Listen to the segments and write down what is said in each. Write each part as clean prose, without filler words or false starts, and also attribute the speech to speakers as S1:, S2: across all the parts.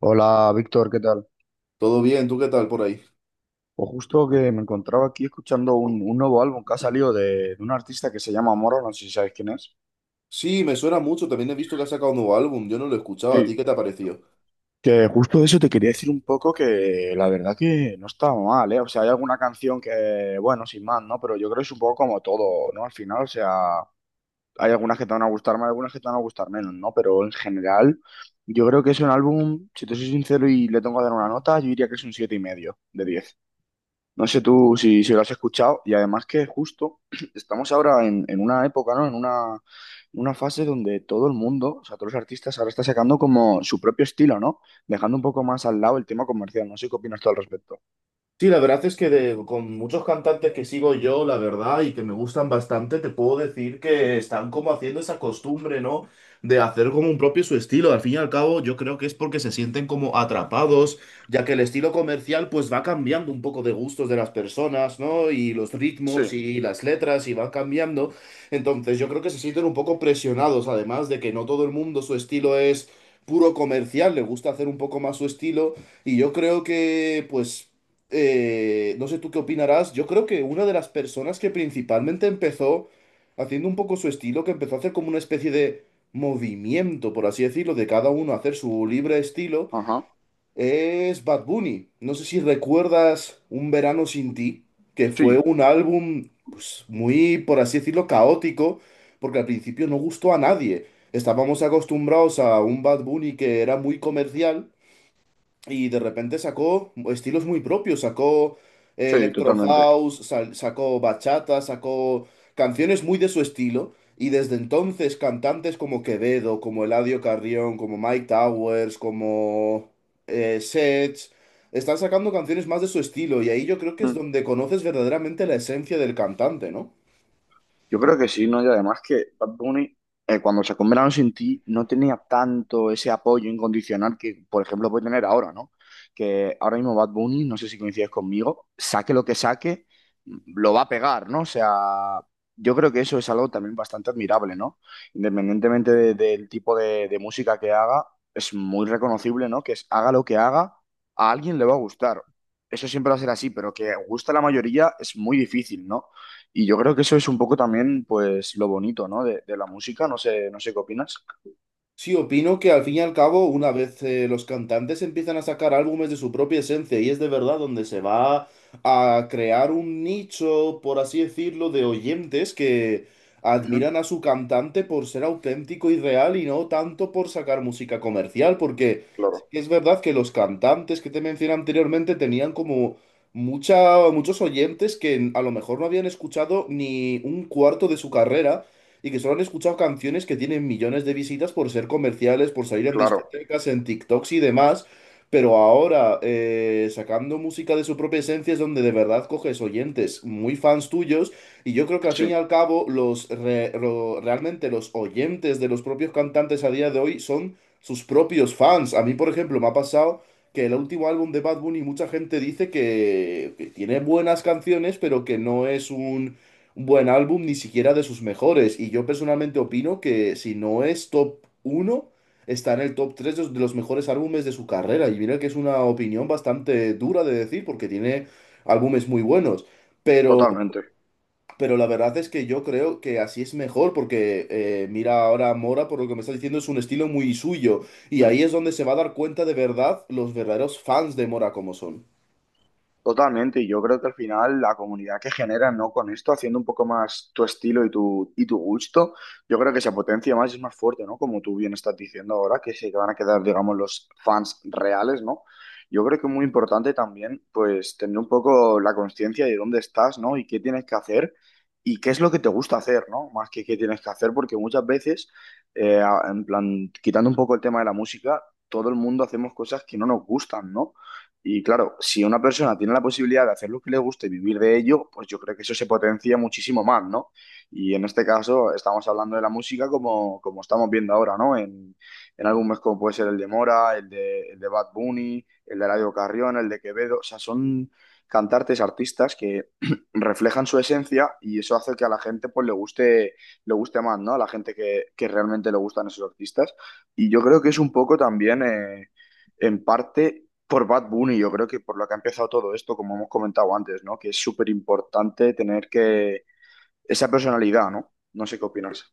S1: Hola, Víctor, ¿qué tal?
S2: Todo bien, ¿tú qué tal por ahí?
S1: Pues justo que me encontraba aquí escuchando un nuevo álbum que ha salido de un artista que se llama Moro, no sé si sabes quién es.
S2: Sí, me suena mucho, también he visto que ha sacado un nuevo álbum, yo no lo escuchaba, ¿a ti
S1: Sí.
S2: qué te ha parecido?
S1: Que justo de eso te quería decir un poco que la verdad que no está mal, ¿eh? O sea, hay alguna canción que, bueno, sin más, ¿no? Pero yo creo que es un poco como todo, ¿no? Al final, o sea, hay algunas que te van a gustar más, algunas que te van a gustar menos, ¿no? Pero en general, yo creo que es un álbum, si te soy sincero y le tengo que dar una nota, yo diría que es un 7,5 de 10. No sé tú si lo has escuchado y además que justo estamos ahora en una época, ¿no? En una fase donde todo el mundo, o sea, todos los artistas ahora están sacando como su propio estilo, ¿no? Dejando un poco más al lado el tema comercial. No sé qué opinas tú al respecto.
S2: Sí, la verdad es que con muchos cantantes que sigo yo, la verdad, y que me gustan bastante, te puedo decir que están como haciendo esa costumbre, ¿no? De hacer como un propio su estilo. Al fin y al cabo, yo creo que es porque se sienten como atrapados, ya que el estilo comercial pues va cambiando un poco de gustos de las personas, ¿no? Y los
S1: Sí.
S2: ritmos y las letras y van cambiando. Entonces, yo creo que se sienten un poco presionados, además de que no todo el mundo su estilo es puro comercial, le gusta hacer un poco más su estilo. Y yo creo que, no sé tú qué opinarás, yo creo que una de las personas que principalmente empezó haciendo un poco su estilo, que empezó a hacer como una especie de movimiento, por así decirlo, de cada uno hacer su libre estilo,
S1: Ajá.
S2: es Bad Bunny. No sé si recuerdas Un Verano Sin Ti, que fue
S1: Sí.
S2: un álbum, pues muy, por así decirlo, caótico, porque al principio no gustó a nadie. Estábamos acostumbrados a un Bad Bunny que era muy comercial y de repente sacó estilos muy propios, sacó
S1: Sí,
S2: electro
S1: totalmente.
S2: house, sacó bachata, sacó canciones muy de su estilo, y desde entonces cantantes como Quevedo, como Eladio Carrión, como Mike Towers, como Sech, están sacando canciones más de su estilo, y ahí yo creo que es donde conoces verdaderamente la esencia del cantante, ¿no?
S1: Yo creo que sí, ¿no? Y además que Bad Bunny, cuando sacó Un Verano Sin Ti, no tenía tanto ese apoyo incondicional que, por ejemplo, puede tener ahora, ¿no? Que ahora mismo Bad Bunny, no sé si coincides conmigo, saque lo que saque, lo va a pegar, ¿no? O sea, yo creo que eso es algo también bastante admirable, ¿no? Independientemente del tipo de música que haga, es muy reconocible, ¿no? Que es haga lo que haga, a alguien le va a gustar. Eso siempre va a ser así, pero que guste a la mayoría es muy difícil, ¿no? Y yo creo que eso es un poco también, pues, lo bonito, ¿no? De la música, no sé qué opinas.
S2: Sí, opino que al fin y al cabo, una vez los cantantes empiezan a sacar álbumes de su propia esencia y es de verdad donde se va a crear un nicho, por así decirlo, de oyentes que
S1: Ujú.
S2: admiran a su cantante por ser auténtico y real y no tanto por sacar música comercial, porque
S1: Claro,
S2: sí que es verdad que los cantantes que te mencioné anteriormente tenían como muchos oyentes que a lo mejor no habían escuchado ni un cuarto de su carrera y que solo han escuchado canciones que tienen millones de visitas por ser comerciales, por salir en
S1: claro.
S2: discotecas, en TikToks y demás. Pero ahora, sacando música de su propia esencia es donde de verdad coges oyentes muy fans tuyos. Y yo creo que al fin y
S1: Sí,
S2: al cabo, realmente los oyentes de los propios cantantes a día de hoy son sus propios fans. A mí, por ejemplo, me ha pasado que el último álbum de Bad Bunny, mucha gente dice que tiene buenas canciones, pero que no es un buen álbum, ni siquiera de sus mejores. Y yo personalmente opino que si no es top uno está en el top 3 de los mejores álbumes de su carrera. Y mira que es una opinión bastante dura de decir porque tiene álbumes muy buenos. Pero,
S1: totalmente.
S2: pero la verdad es que yo creo que así es mejor porque mira ahora Mora, por lo que me está diciendo, es un estilo muy suyo. Y ahí es donde se va a dar cuenta de verdad los verdaderos fans de Mora como son.
S1: Totalmente, y yo creo que al final la comunidad que genera, ¿no? Con esto, haciendo un poco más tu estilo y tu gusto, yo creo que se potencia más y es más fuerte, ¿no? Como tú bien estás diciendo ahora, que se van a quedar, digamos, los fans reales, ¿no? Yo creo que es muy importante también, pues, tener un poco la conciencia de dónde estás, ¿no? Y qué tienes que hacer y qué es lo que te gusta hacer, ¿no? Más que qué tienes que hacer, porque muchas veces, en plan, quitando un poco el tema de la música, todo el mundo hacemos cosas que no nos gustan, ¿no? Y claro, si una persona tiene la posibilidad de hacer lo que le gusta y vivir de ello, pues yo creo que eso se potencia muchísimo más, ¿no? Y en este caso estamos hablando de la música como estamos viendo ahora, ¿no? En álbumes como puede ser el de Mora, el de Bad Bunny, el de Eladio Carrión, el de Quevedo, o sea, son cantantes, artistas que reflejan su esencia y eso hace que a la gente pues le guste más, ¿no? A la gente que realmente le gustan esos artistas. Y yo creo que es un poco también, en parte por Bad Bunny, yo creo que por lo que ha empezado todo esto, como hemos comentado antes, ¿no? Que es súper importante tener que esa personalidad, ¿no? No sé qué opinas.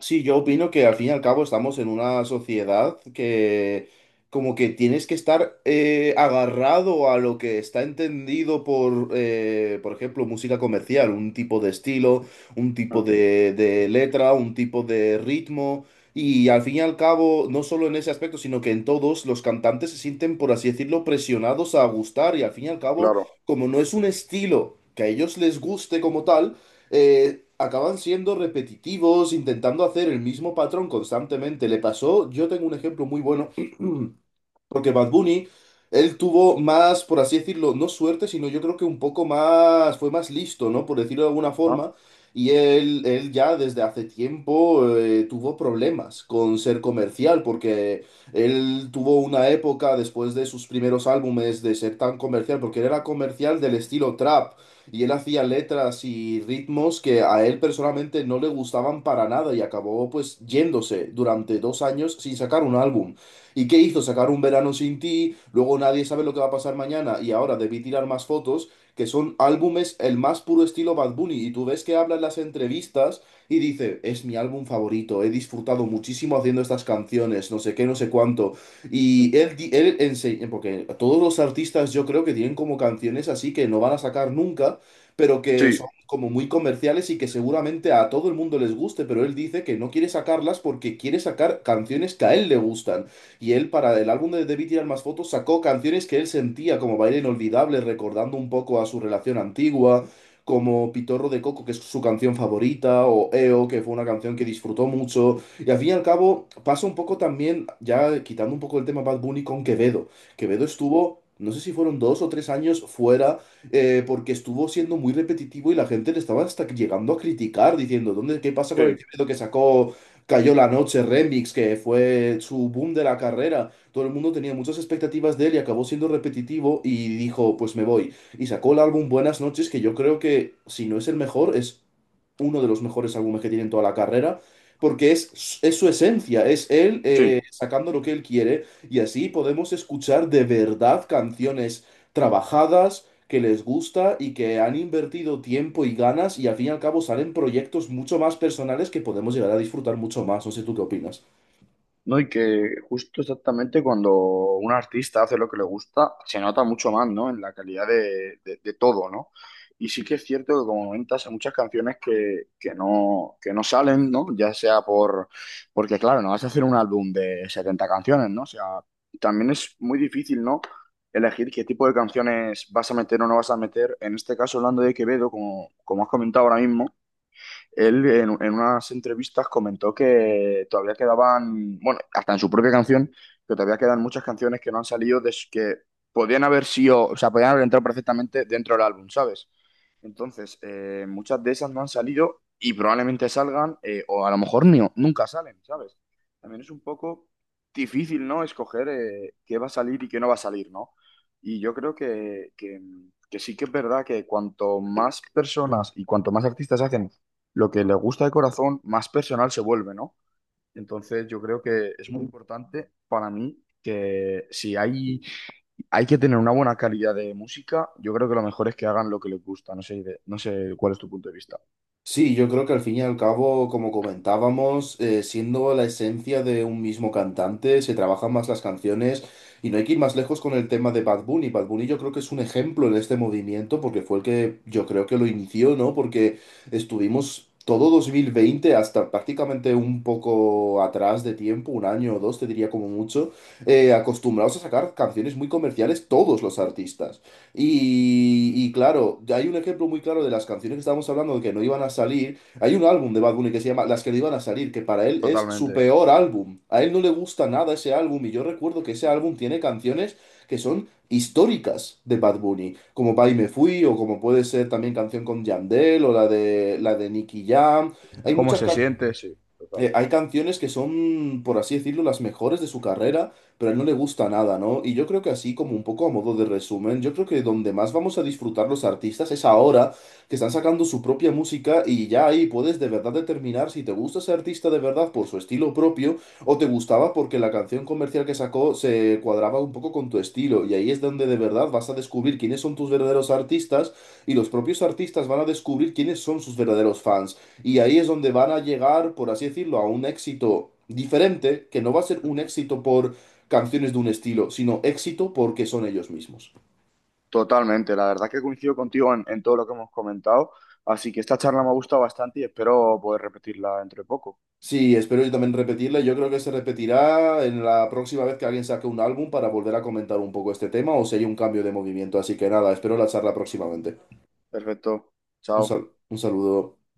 S2: Sí, yo opino que al fin y al cabo estamos en una sociedad que como que tienes que estar agarrado a lo que está entendido por ejemplo, música comercial, un tipo de estilo, un tipo
S1: Ah,
S2: de letra, un tipo de ritmo. Y al fin y al cabo, no solo en ese aspecto, sino que en todos los cantantes se sienten, por así decirlo, presionados a gustar. Y al fin y al cabo,
S1: claro.
S2: como no es un estilo que a ellos les guste como tal, acaban siendo repetitivos, intentando hacer el mismo patrón constantemente. Le pasó, yo tengo un ejemplo muy bueno. Porque Bad Bunny, él tuvo más, por así decirlo, no suerte, sino yo creo que un poco más, fue más listo, ¿no? Por decirlo de alguna
S1: Ah.
S2: forma. Y él ya desde hace tiempo tuvo problemas con ser comercial, porque él tuvo una época después de sus primeros álbumes de ser tan comercial, porque él era comercial del estilo trap, y él hacía letras y ritmos que a él personalmente no le gustaban para nada, y acabó pues yéndose durante dos años sin sacar un álbum. ¿Y qué hizo? Sacar un verano sin ti, luego nadie sabe lo que va a pasar mañana y ahora debí tirar más fotos, que son álbumes el más puro estilo Bad Bunny. Y tú ves que habla en las entrevistas y dice, es mi álbum favorito, he disfrutado muchísimo haciendo estas canciones, no sé qué, no sé cuánto. Y él enseña, porque todos los artistas yo creo que tienen como canciones así que no van a sacar nunca pero que
S1: Sí,
S2: son como muy comerciales y que seguramente a todo el mundo les guste, pero él dice que no quiere sacarlas porque quiere sacar canciones que a él le gustan. Y él, para el álbum de Debí tirar más fotos, sacó canciones que él sentía como Baile Inolvidable, recordando un poco a su relación antigua, como Pitorro de Coco, que es su canción favorita, o EO, que fue una canción que disfrutó mucho. Y al fin y al cabo, pasa un poco también, ya quitando un poco el tema Bad Bunny con Quevedo. Quevedo estuvo. No sé si fueron dos o tres años fuera, porque estuvo siendo muy repetitivo y la gente le estaba hasta llegando a criticar, diciendo, ¿ qué pasa con el
S1: sí,
S2: Quevedo que sacó Cayó la noche, Remix, que fue su boom de la carrera. Todo el mundo tenía muchas expectativas de él y acabó siendo repetitivo y dijo, pues me voy. Y sacó el álbum Buenas noches, que yo creo que si no es el mejor, es uno de los mejores álbumes que tiene en toda la carrera, porque es su esencia, es él
S1: sí.
S2: sacando lo que él quiere y así podemos escuchar de verdad canciones trabajadas que les gusta y que han invertido tiempo y ganas y al fin y al cabo salen proyectos mucho más personales que podemos llegar a disfrutar mucho más. No sé tú qué opinas.
S1: No, y que justo exactamente cuando un artista hace lo que le gusta, se nota mucho más, ¿no? En la calidad de todo, ¿no? Y sí que es cierto que, como comentas, hay muchas canciones que no salen, ¿no? Ya sea por... Porque, claro, no vas a hacer un álbum de 70 canciones, ¿no? O sea, también es muy difícil, ¿no? Elegir qué tipo de canciones vas a meter o no vas a meter. En este caso, hablando de Quevedo, como has comentado ahora mismo, él en unas entrevistas comentó que todavía quedaban, bueno, hasta en su propia canción, que todavía quedan muchas canciones que no han salido, que podían haber sido, o sea, podían haber entrado perfectamente dentro del álbum, ¿sabes? Entonces, muchas de esas no han salido y probablemente salgan, o a lo mejor ni, nunca salen, ¿sabes? También es un poco difícil, ¿no? Escoger, qué va a salir y qué no va a salir, ¿no? Y yo creo que sí que es verdad que cuanto más personas y cuanto más artistas hacen lo que les gusta de corazón, más personal se vuelve, ¿no? Entonces, yo creo que es muy importante para mí que si hay que tener una buena calidad de música. Yo creo que lo mejor es que hagan lo que les gusta. No sé, no sé cuál es tu punto de vista.
S2: Sí, yo creo que al fin y al cabo, como comentábamos, siendo la esencia de un mismo cantante, se trabajan más las canciones y no hay que ir más lejos con el tema de Bad Bunny. Bad Bunny yo creo que es un ejemplo en este movimiento porque fue el que yo creo que lo inició, ¿no? Porque estuvimos todo 2020 hasta prácticamente un poco atrás de tiempo, un año o dos, te diría como mucho, acostumbrados a sacar canciones muy comerciales todos los artistas. Y claro, hay un ejemplo muy claro de las canciones que estábamos hablando de que no iban a salir. Hay un álbum de Bad Bunny que se llama Las que no iban a salir, que para él es su
S1: Totalmente.
S2: peor álbum. A él no le gusta nada ese álbum y yo recuerdo que ese álbum tiene canciones que son históricas de Bad Bunny, como Pa' y me fui o como puede ser también canción con Yandel o la de Nicky Jam. Hay
S1: ¿Cómo
S2: muchas
S1: se
S2: canciones
S1: siente? Sí, total.
S2: hay canciones que son, por así decirlo, las mejores de su carrera, pero a él no le gusta nada, ¿no? Y yo creo que así, como un poco a modo de resumen, yo creo que donde más vamos a disfrutar los artistas es ahora que están sacando su propia música y ya ahí puedes de verdad determinar si te gusta ese artista de verdad por su estilo propio o te gustaba porque la canción comercial que sacó se cuadraba un poco con tu estilo. Y ahí es donde de verdad vas a descubrir quiénes son tus verdaderos artistas y los propios artistas van a descubrir quiénes son sus verdaderos fans. Y ahí es donde van a llegar, por así decirlo, a un éxito diferente, que no va a ser un
S1: Ujú.
S2: éxito por canciones de un estilo, sino éxito porque son ellos mismos.
S1: Totalmente. La verdad que coincido contigo en todo lo que hemos comentado. Así que esta charla me ha gustado bastante y espero poder repetirla entre poco.
S2: Sí, espero yo también repetirle. Yo creo que se repetirá en la próxima vez que alguien saque un álbum para volver a comentar un poco este tema o si hay un cambio de movimiento. Así que nada, espero la charla próximamente.
S1: Perfecto. Chao.
S2: Un saludo.